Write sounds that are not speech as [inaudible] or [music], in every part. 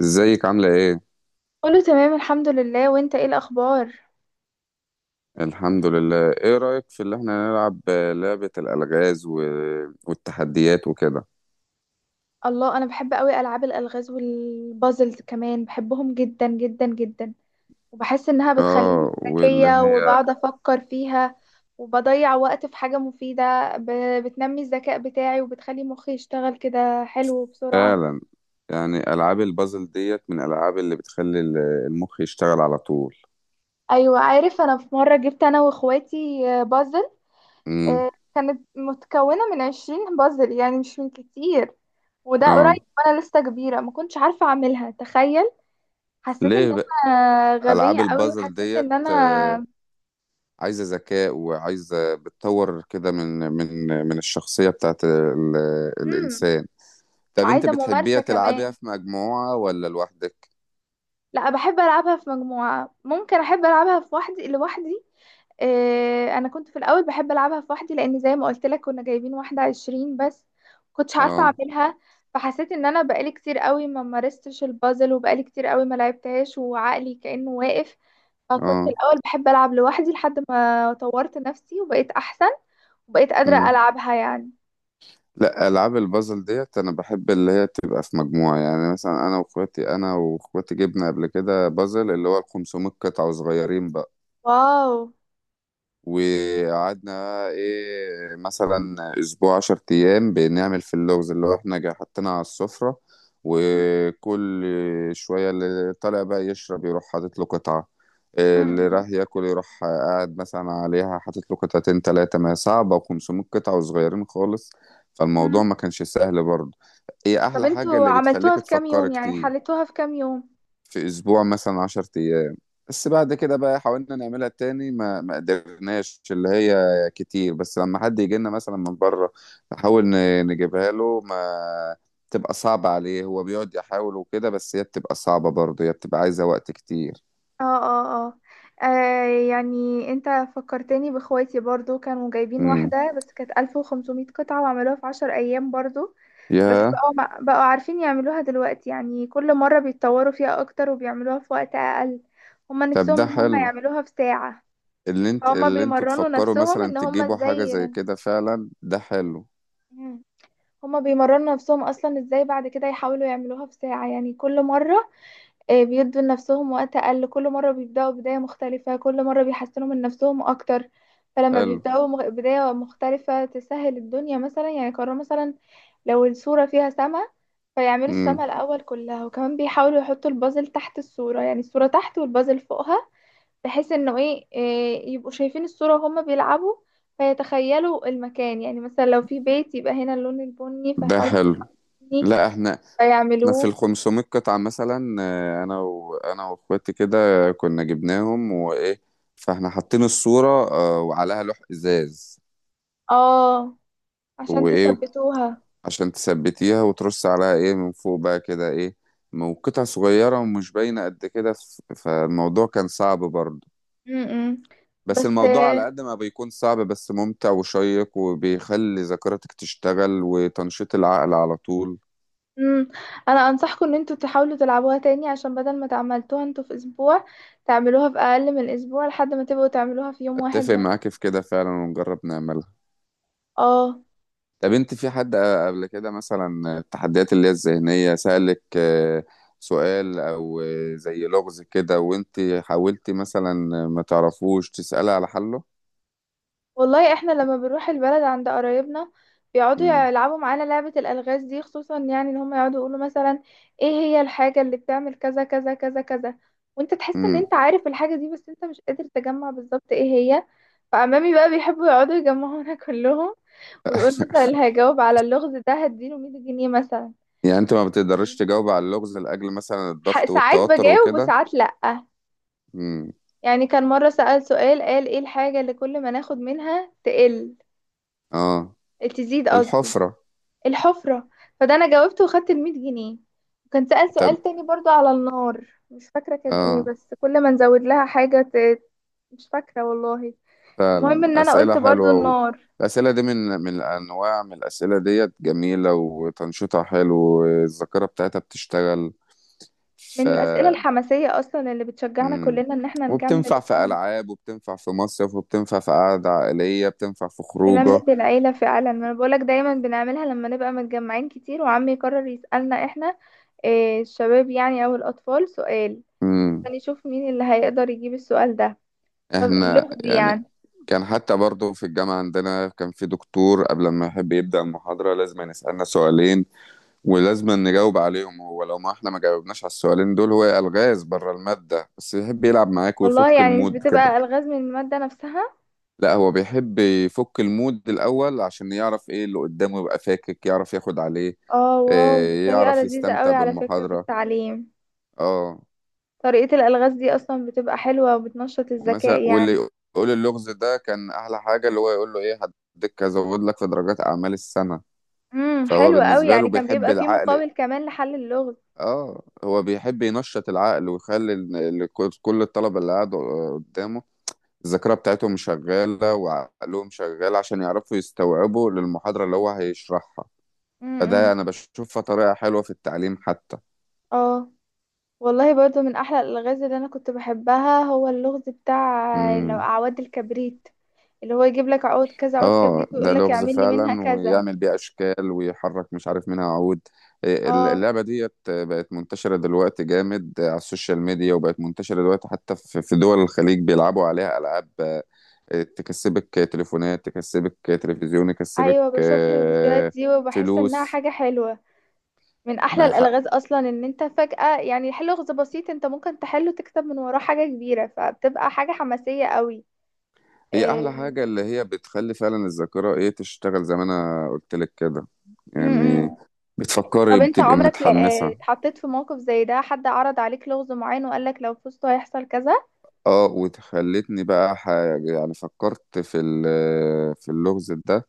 ازيك عاملة ايه؟ كله تمام، الحمد لله، وانت ايه الاخبار؟ الحمد لله. ايه رأيك في اللي احنا نلعب لعبة الألغاز والتحديات وكده؟ الله، انا بحب قوي العاب الالغاز والبازلز، كمان بحبهم جدا جدا جدا. وبحس انها بتخليني اه واللي ذكيه، هي وبقعد افكر فيها، وبضيع وقت في حاجه مفيده، بتنمي الذكاء بتاعي، وبتخلي مخي يشتغل كده حلو وبسرعه. فعلا، يعني ألعاب البازل ديت من الألعاب اللي بتخلي المخ يشتغل على طول. ايوه، عارف، انا في مره جبت انا واخواتي بازل. امم. آه، كانت متكونه من 20 بازل، يعني مش من كتير. وده اه. قريب، وانا لسه كبيره ما كنتش عارفه اعملها، تخيل. حسيت ان ليه بقى؟ انا ألعاب غبية قوي، البازل وحسيت ديت، ان انا... عايزة ذكاء وعايزة بتطور كده من الشخصية بتاعت مم. الإنسان. طب انت وعايزة بتحبيها ممارسة تلعبيها كمان. في مجموعة ولا لوحدك؟ لا، بحب العبها في مجموعة، ممكن احب العبها في وحدي لوحدي. انا كنت في الاول بحب العبها في وحدي، لان زي ما قلت لك كنا جايبين واحدة 20 بس، كنتش عارفة اه اعملها. فحسيت ان انا بقالي كتير قوي ما مارستش البازل، وبقالي كتير قوي ما لعبتهاش، وعقلي كأنه واقف. فكنت اه. الاول بحب العب لوحدي لحد ما طورت نفسي وبقيت احسن، وبقيت قادرة مم. العبها يعني. لا، العاب البازل ديت انا بحب اللي هي تبقى في مجموعه. يعني مثلا انا واخواتي، جبنا قبل كده بازل اللي هو ال 500 قطعه وصغيرين بقى. واو. وقعدنا ايه، مثلا اسبوع، 10 ايام، بنعمل في اللغز اللي هو احنا حاطينها على السفرة. وكل شوية اللي طالع بقى يشرب يروح حاطط له قطعة، اللي مم. راح ياكل يروح قاعد مثلا عليها حاطط له قطعتين تلاتة، ما هي صعبة، وخمسمية قطعة وصغيرين خالص. فالموضوع مم. ما كانش سهل برضه. هي طب احلى حاجة انتوا اللي بتخليك عملتوها في كام تفكر يوم؟ يعني كتير. حلتوها في كام يوم؟ في اسبوع مثلا 10 ايام. بس بعد كده بقى حاولنا نعملها تاني ما قدرناش، اللي هي كتير. بس لما حد يجي لنا مثلا من بره، نحاول نجيبها له، ما تبقى صعبة عليه. هو بيقعد يحاول وكده، بس هي بتبقى صعبة برضه، هي بتبقى عايزة وقت كتير. اه، اه، اه. آه، يعني انت فكرتني باخواتي برضو، كانوا جايبين امم. واحدة بس كانت 1500 قطعة، وعملوها في 10 ايام برضو. بس يا. بقوا بقوا عارفين يعملوها دلوقتي، يعني كل مرة بيتطوروا فيها اكتر وبيعملوها في وقت اقل. هما طب نفسهم ده ان هما حلو، يعملوها في ساعة. هما اللي انتوا بيمرنوا تفكروا نفسهم مثلا ان هما تجيبوا حاجة ازاي... زي كده. فعلا ده حلو. مم. هما بيمرنوا نفسهم اصلا ازاي بعد كده يحاولوا يعملوها في ساعة، يعني كل مرة. بيدوا لنفسهم وقت أقل كل مرة، بيبدأوا بداية مختلفة كل مرة، بيحسنوا من نفسهم أكتر. فلما حلو. بيبدأوا بداية مختلفة تسهل الدنيا، مثلا يعني قرروا مثلا لو الصورة فيها سما، فيعملوا السما امم. الأول كلها. وكمان بيحاولوا يحطوا البازل تحت الصورة، يعني الصورة تحت والبازل فوقها. بحيث انه ايه، يبقوا شايفين الصورة وهما بيلعبوا، فيتخيلوا المكان. يعني مثلا لو في بيت يبقى هنا اللون البني، ده فيحاولوا حلو. البني لا، احنا في فيعملوه. ال 500 قطعة مثلا، انا واخواتي كده كنا جبناهم وايه. فاحنا حاطين الصورة، وعليها لوح ازاز. اه. عشان وايه وت- تثبتوها. عشان تثبتيها، وترص عليها ايه من فوق بقى كده ايه. وقطع صغيرة ومش باينة قد كده، فالموضوع كان صعب برضه. امم. بس بس الموضوع على قد ما بيكون صعب، بس ممتع وشيق، وبيخلي ذاكرتك تشتغل وتنشيط العقل على طول. امم، انا انصحكم ان انتوا تحاولوا تلعبوها تاني، عشان بدل ما تعملتوها انتوا في اسبوع، تعملوها في اقل من اسبوع، لحد ما تبقوا تعملوها في يوم واحد اتفق بس. معاك في كده فعلا، ونجرب نعملها. اه. طب انت، في حد قبل كده مثلا التحديات اللي هي الذهنية، سألك سؤال او زي لغز كده، وانت حاولتي مثلا ما تعرفوش تسألي على حله؟ والله احنا لما بنروح البلد عند قرايبنا، بيقعدوا امم. يلعبوا معانا لعبة الالغاز دي خصوصا، يعني ان هم يقعدوا يقولوا مثلا ايه هي الحاجة اللي بتعمل كذا كذا كذا كذا. وانت تحس ان امم. انت عارف الحاجة دي بس انت مش قادر تجمع بالظبط ايه هي. فعمامي بقى بيحبوا يقعدوا يجمعونا [laughs] كلهم، ويقول مثلا هجاوب على اللغز ده هديله 100 جنيه مثلا. يعني انت ما بتقدرش تجاوب على اللغز لأجل مثلا الضغط ساعات والتوتر بجاوب وكده؟ وساعات لأ. امم. يعني كان مرة سأل سؤال، قال: ايه الحاجة اللي كل ما ناخد منها تقل... اه. تزيد قصدي. الحفرة. الحفرة. فده انا جاوبته وخدت ال100 جنيه. وكان سأل طب. سؤال تاني برضو على النار، مش فاكرة كان ايه، اه. بس كل ما نزود لها حاجة ت... مش فاكرة والله. المهم فعلا ان انا أسئلة قلت برضو حلوة النار. الأسئلة دي، من من الأنواع من الأسئلة ديت جميلة وتنشيطها حلو، والذاكرة بتاعتها بتشتغل. من الأسئلة الحماسية اصلا اللي بتشجعنا مم. كلنا ان احنا نكمل. وبتنفع في ألعاب، وبتنفع في مصيف، وبتنفع في قعدة عائلية، بتنفع في بنملة خروجة. العيلة فعلا، ما انا بقولك دايما بنعملها لما نبقى متجمعين كتير، وعمي يقرر يسألنا احنا، إيه الشباب يعني او الاطفال، سؤال مم. عشان يشوف مين اللي هيقدر يجيب السؤال ده. طب احنا اللغز يعني يعني. كان، حتى برضو في الجامعة عندنا، كان في دكتور قبل ما يحب يبدأ المحاضرة لازم يسألنا سؤالين، ولازم نجاوب عليهم. هو لو ما احنا ما جاوبناش على السؤالين دول، هو ألغاز بره المادة، بس يحب يلعب معاك ويفك والله يعني مش المود كده. بتبقى الغاز من المادة نفسها. لا هو بيحب يفك المود الأول عشان يعرف ايه اللي قدامه، يبقى فاكك يعرف ياخد عليه. اه، واو، دي طريقة يعرف لذيذة يستمتع قوي على فكرة في بالمحاضرة. التعليم. اه. طريقة الالغاز دي اصلا بتبقى حلوة وبتنشط ومثلا الذكاء واللي يعني. يقول اللغز ده كان احلى حاجه، اللي هو يقول له ايه، هديك ازود لك في درجات اعمال السنه. امم، فهو حلوة قوي، بالنسبه له يعني كان بيحب بيبقى فيه العقل. مقابل كمان لحل اللغز. اه هو بيحب ينشط العقل، ويخلي كل الطلبه اللي قاعدوا قدامه الذاكره بتاعتهم شغاله وعقلهم شغال، عشان يعرفوا يستوعبوا للمحاضره اللي هو هيشرحها. فده امم. انا بشوفها طريقه حلوه في التعليم حتى. اه، والله برضو من احلى الالغاز اللي انا كنت بحبها هو اللغز بتاع لو امم. اعواد الكبريت. اللي هو يجيب لك عود كذا عود اه كبريت، ده ويقول لك لغز اعمل لي منها فعلا، كذا. ويعمل بيه اشكال ويحرك مش عارف منها عود. إيه، اه. اللعبه ديت بقت منتشره دلوقتي جامد على السوشيال ميديا، وبقت منتشره دلوقتي حتى في دول الخليج، بيلعبوا عليها العاب، تكسبك تليفونات، تكسبك تلفزيون، تكسبك ايوه، بشوف الفيديوهات دي وبحس انها فلوس. حاجه حلوه. من احلى ما هي حق. الالغاز اصلا ان انت فجاه، يعني حل لغز بسيط انت ممكن تحله، تكتب من وراه حاجه كبيره، فبتبقى حاجه حماسيه قوي. هي احلى إيه. حاجه اللي هي بتخلي فعلا الذاكره ايه تشتغل، زي ما انا قلت لك كده يعني. م-م. بتفكري، طب انت بتبقي عمرك متحمسه. اتحطيت في موقف زي ده؟ حد عرض عليك لغز معين وقال لك لو فزت هيحصل كذا. اه، وتخلتني بقى حاجة يعني فكرت في في اللغز ده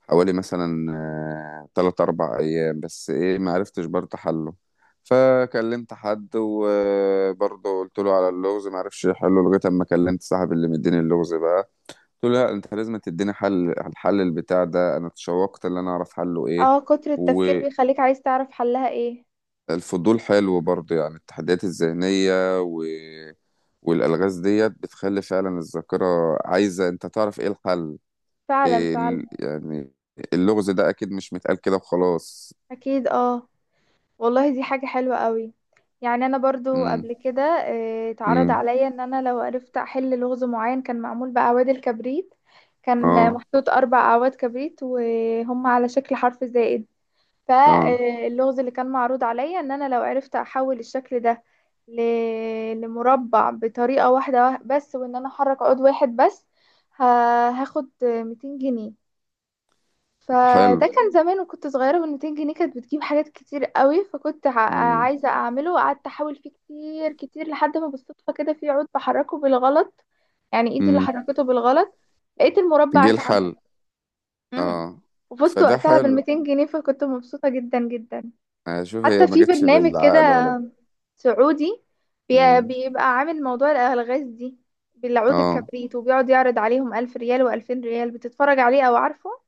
حوالي مثلا، 3 4 أيام، بس إيه معرفتش برضه حله. فكلمت حد وبرضه قلت له على اللغز، معرفش يحله، لغاية أما كلمت صاحب اللي مديني اللغز بقى، قلت له لا، أنت لازم تديني حل على الحل البتاع ده. أنا اتشوقت إن أنا أعرف حله إيه. اه. كتر التفكير بيخليك عايز تعرف حلها ايه. والفضول حلو برضه. يعني التحديات الذهنية والالغاز ديت بتخلي فعلا الذاكره عايزه انت تعرف ايه الحل. فعلا، فعلا. يعني اللغز ده اكيد مش متقال كده وخلاص. اكيد، اه. والله دي حاجة حلوة قوي. يعني انا برضو امم قبل كده، اتعرض امم. عليا ان انا لو عرفت احل لغز معين كان معمول باعواد الكبريت. كان اه محطوط 4 اعواد كبريت وهم على شكل حرف زائد. اه. فاللغز اللي كان معروض عليا ان انا لو عرفت احول الشكل ده لمربع بطريقة واحدة بس، وان انا احرك عود واحد بس ه- هاخد 200 جنيه. حلو. فده كان زمان وكنت صغيرة، وال 200 جنيه كانت بتجيب حاجات كتير قوي، فكنت امم عايزة أعمله. وقعدت أحاول فيه كتير كتير، لحد ما بالصدفة كده في عود بحركه بالغلط، يعني إيدي اللي امم. حركته بالغلط. لقيت المربع جه اتعمل. الحل. امم. اه وفزت فده وقتها بال حلو. 200 جنيه، فكنت مبسوطة جدا جدا. اشوف هي حتى ما في جتش برنامج بالعقل كده ولا سعودي، امم. بيبقى عامل موضوع الألغاز دي بالعود اه الكبريت، وبيقعد يعرض عليهم 1000 ريال وألفين ريال، بتتفرج عليه أو عارفه.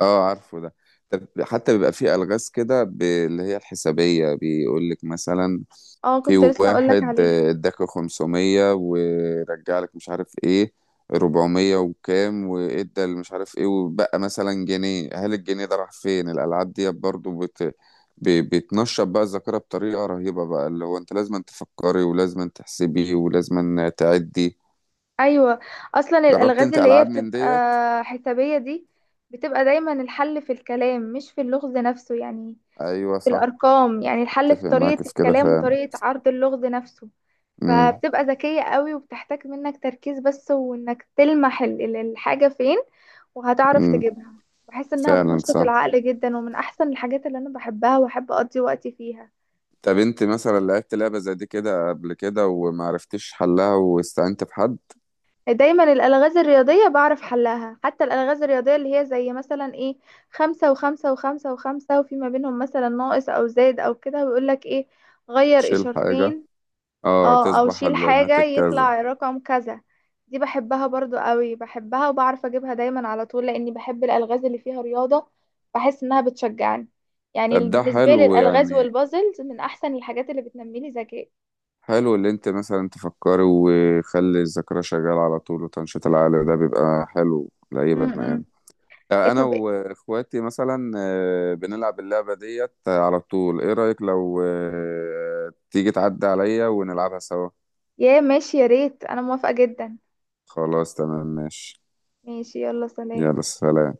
اه عارفه ده. طب حتى بيبقى فيه الغاز كده اللي هي الحسابيه، بيقول لك مثلا، اه، في كنت لسه أقولك واحد عليه. اداك 500، ورجع لك مش عارف ايه 400 وكام، وادى اللي مش عارف ايه، وبقى مثلا جنيه، هل الجنيه ده راح فين؟ الالعاب دي برضو ب... بتنشط بقى الذاكره بطريقه رهيبه، بقى اللي هو انت لازم تفكري، ولازم تحسبي، ولازم تعدي. ايوه، اصلا جربت الالغاز انت اللي هي العاب من بتبقى ديت؟ حسابيه دي، بتبقى دايما الحل في الكلام مش في اللغز نفسه، يعني ايوه في صح. الارقام. يعني الحل في اتفق طريقه معاك في كده الكلام فعلا. وطريقه عرض اللغز نفسه. امم فبتبقى ذكيه قوي، وبتحتاج منك تركيز بس، وانك تلمح الحاجه فين وهتعرف امم. تجيبها. بحس انها فعلا بتنشط صح. العقل جدا، ومن احسن الحاجات اللي انا بحبها واحب اقضي وقتي فيها. طب انت مثلا لعبت لعبه زي دي كده قبل كده ومعرفتش حلها واستعنت بحد؟ دايما الألغاز الرياضية بعرف حلها، حتى الألغاز الرياضية اللي هي زي مثلا ايه، خمسة وخمسة وخمسة وخمسة وفي ما بينهم مثلا ناقص أو زائد أو كده، ويقولك ايه، غير تشيل حاجة. إشارتين. اه اه، أو تصبح شيل حاجة الناتج كذا. يطلع رقم كذا. دي بحبها برضو قوي، بحبها وبعرف أجيبها دايما على طول، لأني بحب الألغاز اللي فيها رياضة، بحس إنها بتشجعني. يعني طب ده بالنسبة لي حلو الألغاز يعني. والبازلز من أحسن الحاجات اللي بتنمي لي ذكاء. حلو اللي انت مثلا تفكري، وخلي الذاكرة شغالة على طول، وتنشيط العقل ده بيبقى حلو لأي م- بني م. آدم. ايه، انا طب إيه؟ واخواتي مثلا بنلعب اللعبة ديت على طول. ايه رأيك لو تيجي تعدي عليا ونلعبها سوا؟ يا ماشي، يا ريت، أنا موافقة جدا. خلاص تمام ماشي. ماشي، يلا، سلام. يلا سلام.